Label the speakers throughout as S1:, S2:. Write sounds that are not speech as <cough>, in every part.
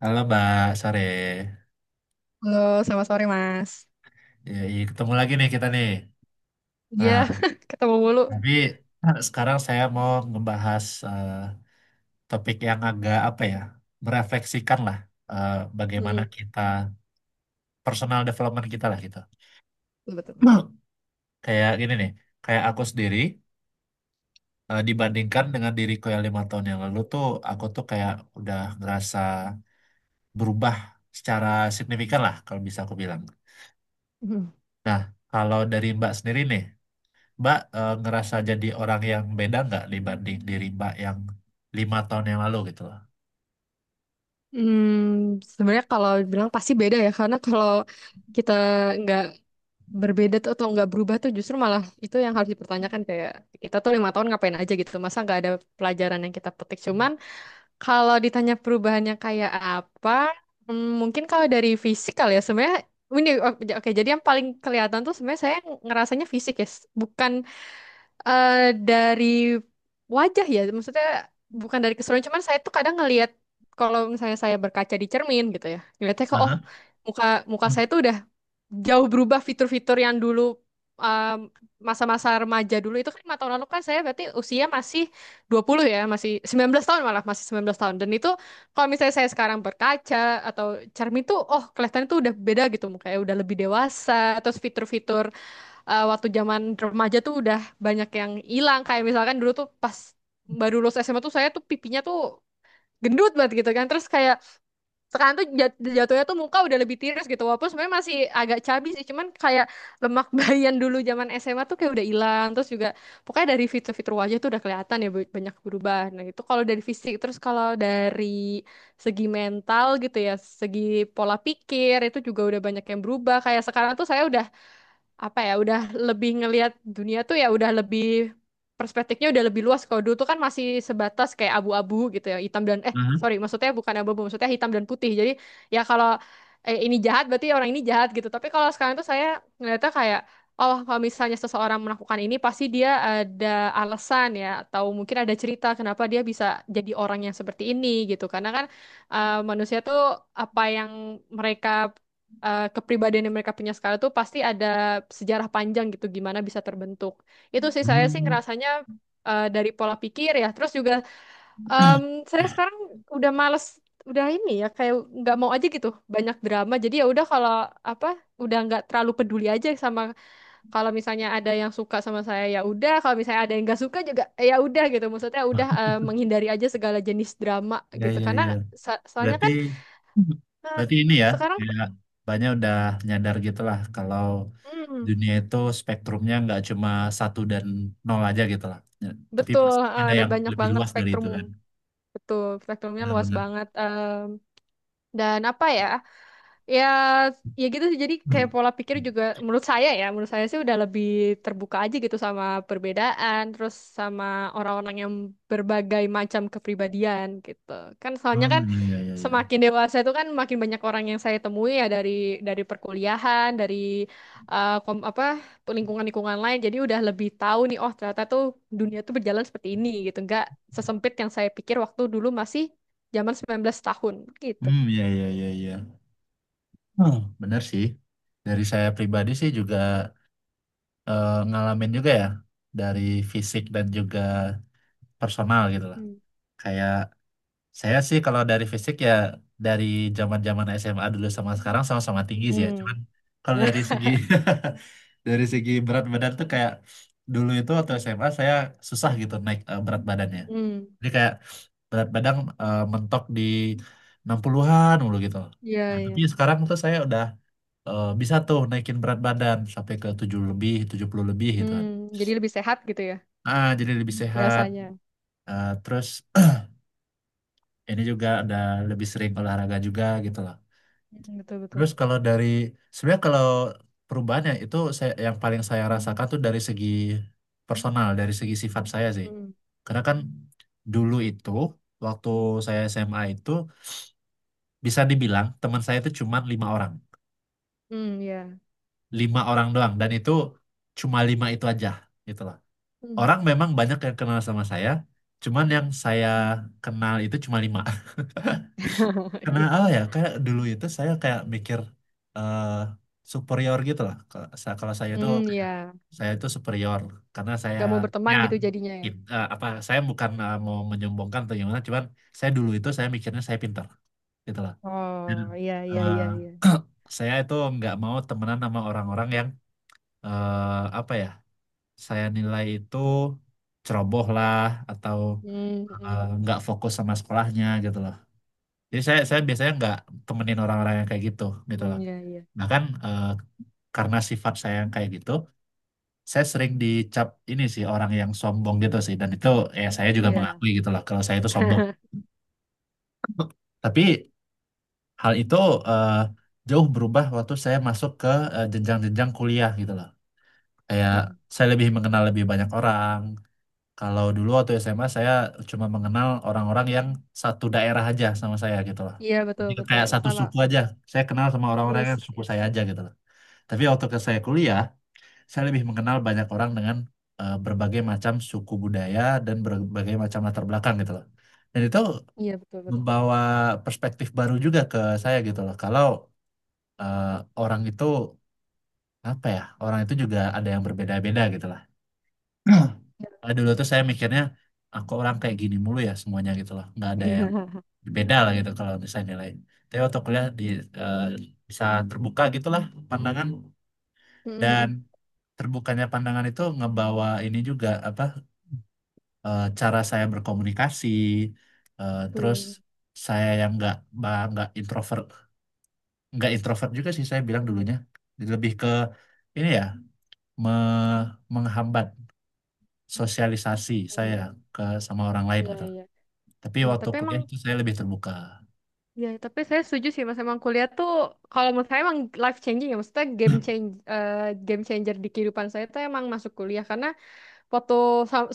S1: Halo Mbak, sore.
S2: Halo, selamat sore Mas.
S1: Ya, iya, ketemu lagi nih kita nih.
S2: Ya,
S1: Nah,
S2: <laughs> ketemu mulu.
S1: tapi <clears throat> <laughs> sekarang saya mau ngebahas topik yang agak apa ya, merefleksikan lah eh, bagaimana
S2: Mm-mm.
S1: kita personal development kita lah gitu.
S2: Betul.
S1: Nah. Kayak gini nih, kayak aku sendiri dibandingkan dengan diriku yang 5 tahun yang lalu tuh, aku tuh kayak udah ngerasa berubah secara signifikan lah kalau bisa aku bilang.
S2: Mm.
S1: Nah, kalau dari Mbak sendiri nih. Mbak ngerasa jadi orang yang beda nggak dibanding diri Mbak yang 5 tahun yang lalu gitu loh.
S2: Sebenarnya kalau bilang pasti beda ya, karena kalau kita nggak berbeda tuh atau nggak berubah tuh justru malah itu yang harus dipertanyakan, kayak kita tuh 5 tahun ngapain aja gitu, masa nggak ada pelajaran yang kita petik. Cuman kalau ditanya perubahannya kayak apa, mungkin kalau dari fisik kali ya. Sebenarnya ini oke, jadi yang paling kelihatan tuh sebenarnya saya ngerasanya fisik ya, bukan eh dari wajah ya, maksudnya bukan dari keseluruhan. Cuman saya tuh kadang ngelihat, kalau misalnya saya berkaca di cermin gitu ya, ngelihatnya kok, oh,
S1: Aha.
S2: muka muka
S1: Hmm.
S2: saya tuh udah jauh berubah, fitur-fitur yang dulu, um, masa-masa remaja dulu itu kan 5 tahun lalu, kan saya berarti usia masih 20 ya, masih 19 tahun malah, masih 19 tahun. Dan itu kalau misalnya saya sekarang berkaca atau cermin tuh, oh, kelihatannya tuh udah beda gitu mukanya, udah lebih dewasa, atau fitur-fitur waktu zaman remaja tuh udah banyak yang hilang. Kayak misalkan dulu tuh pas baru lulus SMA tuh, saya tuh pipinya tuh gendut banget gitu kan, terus kayak sekarang tuh jatuhnya tuh muka udah lebih tirus gitu, walaupun sebenarnya masih agak cabi sih, cuman kayak lemak <laughs> bayan dulu zaman SMA tuh kayak udah hilang. Terus juga pokoknya dari fitur-fitur wajah tuh udah kelihatan ya banyak berubah. Nah itu kalau dari fisik. Terus kalau dari segi mental gitu ya, segi pola pikir, itu juga udah banyak yang berubah. Kayak sekarang tuh saya udah, apa ya, udah lebih ngelihat dunia tuh ya, udah lebih, perspektifnya udah lebih luas. Kalau dulu tuh kan masih sebatas kayak abu-abu gitu ya, hitam dan, eh,
S1: Aha.
S2: sorry, maksudnya bukan abu-abu, maksudnya hitam dan putih. Jadi ya kalau ini jahat berarti orang ini jahat gitu, tapi kalau sekarang tuh saya ngeliatnya kayak, oh, kalau misalnya seseorang melakukan ini pasti dia ada alasan ya, atau mungkin ada cerita kenapa dia bisa jadi orang yang seperti ini gitu. Karena kan manusia tuh apa yang mereka, kepribadian yang mereka punya sekarang tuh pasti ada sejarah panjang gitu gimana bisa terbentuk. Itu sih, saya sih
S1: Hmm,
S2: ngerasanya dari pola pikir ya. Terus juga em, saya sekarang udah males, udah ini ya, kayak nggak mau aja gitu banyak drama. Jadi ya udah, kalau apa, udah nggak terlalu peduli aja sama, kalau misalnya ada yang suka sama saya ya udah, kalau misalnya ada yang nggak suka juga, ya udah gitu. Maksudnya udah, menghindari aja segala jenis drama
S1: ya,
S2: gitu.
S1: ya,
S2: Karena
S1: ya.
S2: soalnya
S1: Berarti
S2: kan, eh,
S1: berarti ini ya
S2: sekarang.
S1: kayak banyak udah nyadar gitu lah kalau
S2: Mm.
S1: dunia itu spektrumnya nggak cuma satu dan nol aja gitu lah. Ya, tapi
S2: Betul.
S1: pasti
S2: eh,
S1: ada
S2: ada
S1: yang
S2: banyak
S1: lebih
S2: banget
S1: luas dari itu
S2: spektrumum.
S1: kan.
S2: Betul, spektrumnya luas
S1: Benar-benar.
S2: banget. Dan apa ya? Ya, ya gitu sih. Jadi kayak
S1: Hmm.
S2: pola pikir juga menurut saya ya, menurut saya sih udah lebih terbuka aja gitu sama perbedaan, terus sama orang-orang yang berbagai macam kepribadian gitu. Kan soalnya kan
S1: Hmm. Ya, ya, ya.
S2: semakin dewasa itu kan makin banyak orang yang saya temui ya, dari perkuliahan, dari apa, lingkungan-lingkungan lain. Jadi udah lebih tahu nih, oh ternyata tuh dunia tuh berjalan seperti ini gitu. Nggak sesempit yang saya pikir waktu dulu masih zaman 19 tahun gitu.
S1: Hmm, ya, ya, iya, iya. Hmm, benar sih. Dari saya pribadi sih
S2: Hmm.
S1: juga ngalamin juga ya dari fisik dan juga personal gitu lah.
S2: Hmm.
S1: Kayak saya sih kalau dari fisik ya dari zaman-zaman SMA dulu sama sekarang sama-sama tinggi sih ya.
S2: Hmm.
S1: Cuman kalau dari
S2: <laughs>
S1: segi <laughs> dari segi berat badan tuh kayak dulu itu waktu SMA saya susah gitu naik berat badannya.
S2: Hmm,
S1: Jadi kayak berat badan mentok di 60-an mulu gitu.
S2: iya
S1: Nah,
S2: iya.
S1: tapi sekarang tuh saya udah bisa tuh naikin berat badan sampai ke 7 lebih, 70 lebih gitu kan,
S2: Hmm, jadi lebih sehat gitu ya
S1: ah, jadi lebih sehat.
S2: rasanya.
S1: Ah, terus <clears throat> ini juga ada lebih sering olahraga juga gitu loh.
S2: Hmm, betul betul.
S1: Terus kalau dari sebenarnya, kalau perubahannya itu saya, yang paling saya rasakan tuh dari segi personal, dari segi sifat saya sih.
S2: Hmm,
S1: Karena kan dulu itu waktu saya SMA itu bisa dibilang teman saya itu cuma lima orang,
S2: hmm, iya.
S1: lima orang doang, dan itu cuma lima itu aja gitu loh.
S2: Hmm.
S1: Orang memang banyak yang kenal sama saya, cuman yang saya kenal itu cuma lima. <laughs>
S2: <laughs>
S1: Karena
S2: Iya.
S1: apa ya? Kayak dulu itu saya kayak mikir eh superior gitu lah. Kalau kalau saya itu
S2: Hmm,
S1: kayak,
S2: iya.
S1: saya itu superior karena saya,
S2: Gak mau berteman
S1: ya,
S2: gitu jadinya ya.
S1: apa, saya bukan mau menyombongkan atau gimana, cuman saya dulu itu saya mikirnya saya pintar gitu lah. Dan
S2: Oh, iya iya
S1: eh,
S2: iya iya.
S1: saya itu nggak mau temenan sama orang-orang yang apa ya? Saya nilai itu ceroboh lah atau
S2: Hmm, hmm, hmm.
S1: nggak fokus sama sekolahnya gitu. Jadi saya biasanya nggak temenin orang-orang yang kayak gitu gitu loh.
S2: Hmm, iya iya.
S1: Bahkan karena sifat saya yang kayak gitu, saya sering dicap ini sih orang yang sombong gitu sih. Dan itu ya saya juga
S2: Iya.
S1: mengakui gitu loh kalau saya itu sombong.
S2: <laughs>
S1: <laughs> Tapi hal itu eh, jauh berubah waktu saya masuk ke jenjang-jenjang kuliah gitu loh. Kayak
S2: Hmm.
S1: saya lebih mengenal lebih banyak orang. Kalau dulu waktu SMA saya cuma mengenal orang-orang yang satu daerah aja sama saya gitu loh.
S2: Iya betul
S1: Jadi
S2: betul.
S1: kayak satu
S2: Sama
S1: suku aja.
S2: sama.
S1: Saya kenal sama orang-orang yang
S2: Yes
S1: suku saya
S2: yes.
S1: aja gitu loh. Tapi waktu ke saya kuliah, saya lebih mengenal banyak orang dengan berbagai macam suku budaya dan berbagai macam latar belakang gitu loh. Dan itu
S2: Iya betul betul.
S1: membawa perspektif baru juga ke saya gitu loh. Kalau eh, orang itu apa ya? Orang itu juga ada yang berbeda-beda gitu lah. <clears throat>
S2: Iya.
S1: Dulu tuh saya mikirnya aku orang kayak gini mulu ya semuanya gitu loh, nggak ada yang
S2: <laughs>
S1: beda lah gitu kalau misalnya nilai. Tapi waktu kuliah di eh, bisa terbuka gitulah pandangan.
S2: Hmm, hmm,
S1: Dan
S2: hmm.
S1: terbukanya pandangan itu ngebawa ini juga apa cara saya berkomunikasi, terus
S2: Tuh.
S1: saya yang nggak ba- nggak introvert nggak introvert juga sih saya bilang dulunya lebih ke ini ya me- menghambat sosialisasi saya
S2: Hmm.
S1: ke sama orang lain
S2: Iya
S1: gitu.
S2: iya.
S1: Tapi
S2: Iya,
S1: waktu
S2: tapi emang,
S1: kuliah itu saya lebih terbuka.
S2: ya, tapi saya setuju sih Mas. Emang kuliah tuh kalau menurut saya emang life changing ya. Maksudnya eh, game changer di kehidupan saya tuh emang masuk kuliah karena foto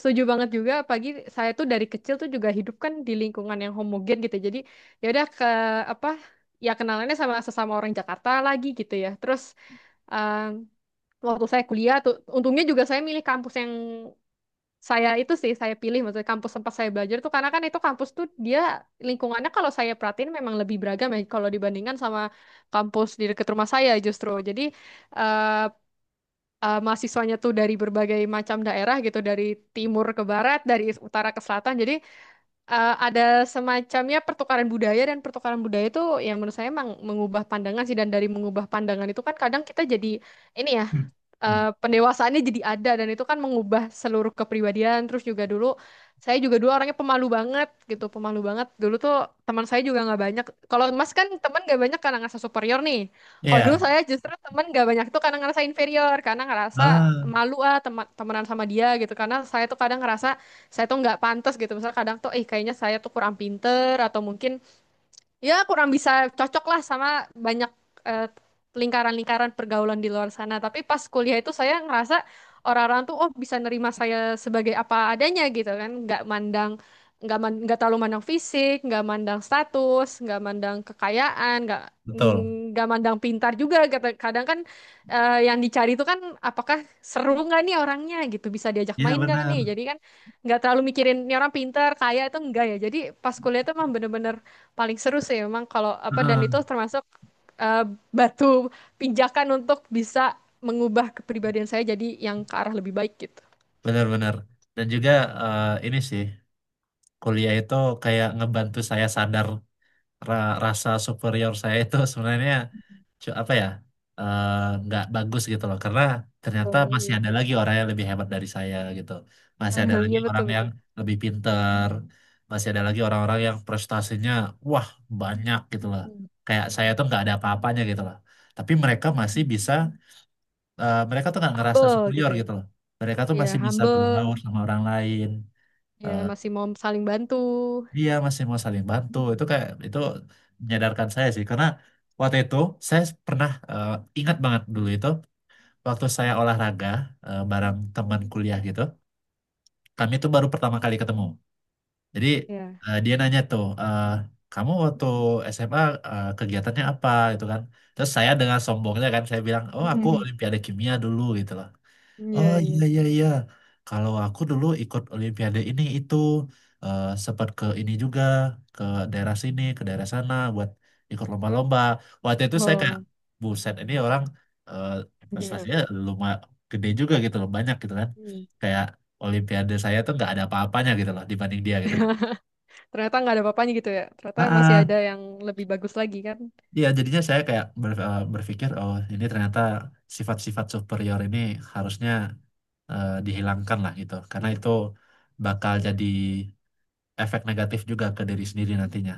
S2: setuju banget juga pagi. Saya tuh dari kecil tuh juga hidup kan di lingkungan yang homogen gitu. Jadi ya udah ke, apa ya, kenalannya sama sesama orang Jakarta lagi gitu ya. Terus em, waktu saya kuliah tuh untungnya juga saya milih kampus yang, saya itu sih saya pilih, maksudnya kampus tempat saya belajar tuh karena kan itu kampus tuh dia lingkungannya kalau saya perhatiin memang lebih beragam ya kalau dibandingkan sama kampus di dekat rumah saya justru. Jadi eh mahasiswanya tuh dari berbagai macam daerah gitu, dari timur ke barat, dari utara ke selatan. Jadi ada semacamnya pertukaran budaya, dan pertukaran budaya itu yang menurut saya memang mengubah pandangan sih. Dan dari mengubah pandangan itu kan kadang kita jadi ini ya,
S1: Hmm. Hmm.
S2: pendewasaannya jadi ada, dan itu kan mengubah seluruh kepribadian. Terus juga dulu saya juga dulu orangnya pemalu banget gitu, pemalu banget. Dulu tuh teman saya juga nggak banyak. Kalau Mas kan teman nggak banyak karena ngerasa superior nih. Kalau dulu
S1: Iya,
S2: saya justru teman nggak banyak tuh karena ngerasa inferior, karena ngerasa
S1: ah,
S2: malu ah teman temenan sama dia gitu. Karena saya tuh kadang ngerasa saya tuh nggak pantas gitu. Misalnya kadang tuh, eh, kayaknya saya tuh kurang pinter atau mungkin ya kurang bisa cocok lah sama banyak eh, lingkaran-lingkaran pergaulan di luar sana. Tapi pas kuliah itu saya ngerasa orang-orang tuh oh bisa nerima saya sebagai apa adanya gitu kan, nggak mandang, nggak terlalu mandang fisik, nggak mandang status, nggak mandang kekayaan, nggak,
S1: betul.
S2: nggak mandang pintar juga. Kadang kan yang dicari itu kan apakah seru nggak nih orangnya gitu, bisa diajak
S1: Iya,
S2: main nggak
S1: benar.
S2: nih. Jadi kan nggak terlalu mikirin ini orang pintar, kaya itu enggak ya. Jadi pas kuliah itu emang bener-bener paling seru sih memang kalau apa, dan itu
S1: Heeh.
S2: termasuk eh, batu pijakan untuk bisa mengubah kepribadian saya jadi yang ke arah lebih baik gitu.
S1: Benar-benar. Dan juga ini sih kuliah itu kayak ngebantu saya sadar rasa superior saya itu sebenarnya cu- apa ya eh, nggak bagus gitu loh karena ternyata
S2: Oh,
S1: masih
S2: iya.
S1: ada lagi orang yang lebih hebat dari saya gitu, masih ada
S2: <laughs>
S1: lagi
S2: Iya betul
S1: orang yang
S2: betul.
S1: lebih pinter, masih ada lagi orang-orang yang prestasinya wah banyak gitu loh,
S2: Hmm.
S1: kayak saya tuh nggak ada apa-apanya gitu loh, tapi mereka masih bisa, mereka tuh nggak ngerasa
S2: Humble
S1: superior
S2: gitu ya.
S1: gitu loh, mereka tuh
S2: Iya,
S1: masih bisa
S2: humble.
S1: berbaur sama orang lain.
S2: Ya
S1: Eh,
S2: masih mau saling bantu.
S1: Dia masih mau saling bantu, itu kayak itu menyadarkan saya sih, karena waktu itu saya pernah, ingat banget dulu itu, waktu saya olahraga bareng teman kuliah gitu, kami tuh baru pertama kali ketemu. Jadi
S2: Ya.
S1: dia nanya tuh, eh, kamu waktu SMA kegiatannya apa gitu kan? Terus saya dengan sombongnya kan saya bilang, oh, aku
S2: <laughs>
S1: Olimpiade Kimia dulu gitu loh.
S2: Iya,
S1: Oh, iya,
S2: iya.
S1: iya, iya. Kalau aku dulu ikut Olimpiade ini itu, sempat ke ini juga, ke daerah sini ke daerah sana buat ikut lomba-lomba. Waktu itu saya kayak,
S2: Oh.
S1: buset ini orang, eh, prestasinya
S2: <laughs>
S1: lumayan gede juga gitu loh, banyak gitu kan.
S2: Hmm.
S1: Kayak Olimpiade saya tuh nggak ada apa-apanya gitu loh dibanding dia gitu loh.
S2: Ternyata nggak ada apa-apanya gitu ya. Ternyata
S1: Ah,
S2: masih ada
S1: ah.
S2: yang lebih bagus lagi kan.
S1: Iya, jadinya saya kayak berpikir, oh ini ternyata sifat-sifat superior ini harusnya dihilangkan lah gitu karena itu bakal jadi efek negatif juga ke diri sendiri nantinya,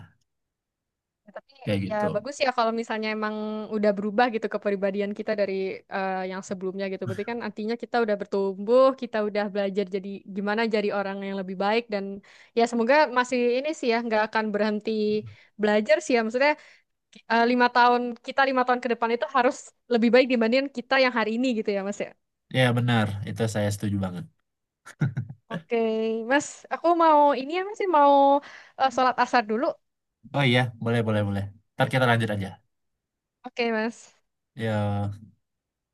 S2: Ya, tapi
S1: kayak
S2: ya
S1: gitu.
S2: bagus ya kalau misalnya emang udah berubah gitu kepribadian kita dari yang sebelumnya gitu. Berarti kan artinya kita udah bertumbuh, kita udah belajar jadi gimana jadi orang yang lebih baik, dan ya semoga masih ini sih ya nggak akan berhenti belajar sih ya. Maksudnya 5 tahun ke depan itu harus lebih baik dibandingin kita yang hari ini gitu ya Mas ya.
S1: Ya, benar, itu saya setuju banget.
S2: Oke Mas, aku mau ini ya Mas, ya, mau sholat asar dulu.
S1: Oh, iya, boleh boleh boleh, ntar kita lanjut aja,
S2: Oke, Mas.
S1: ya.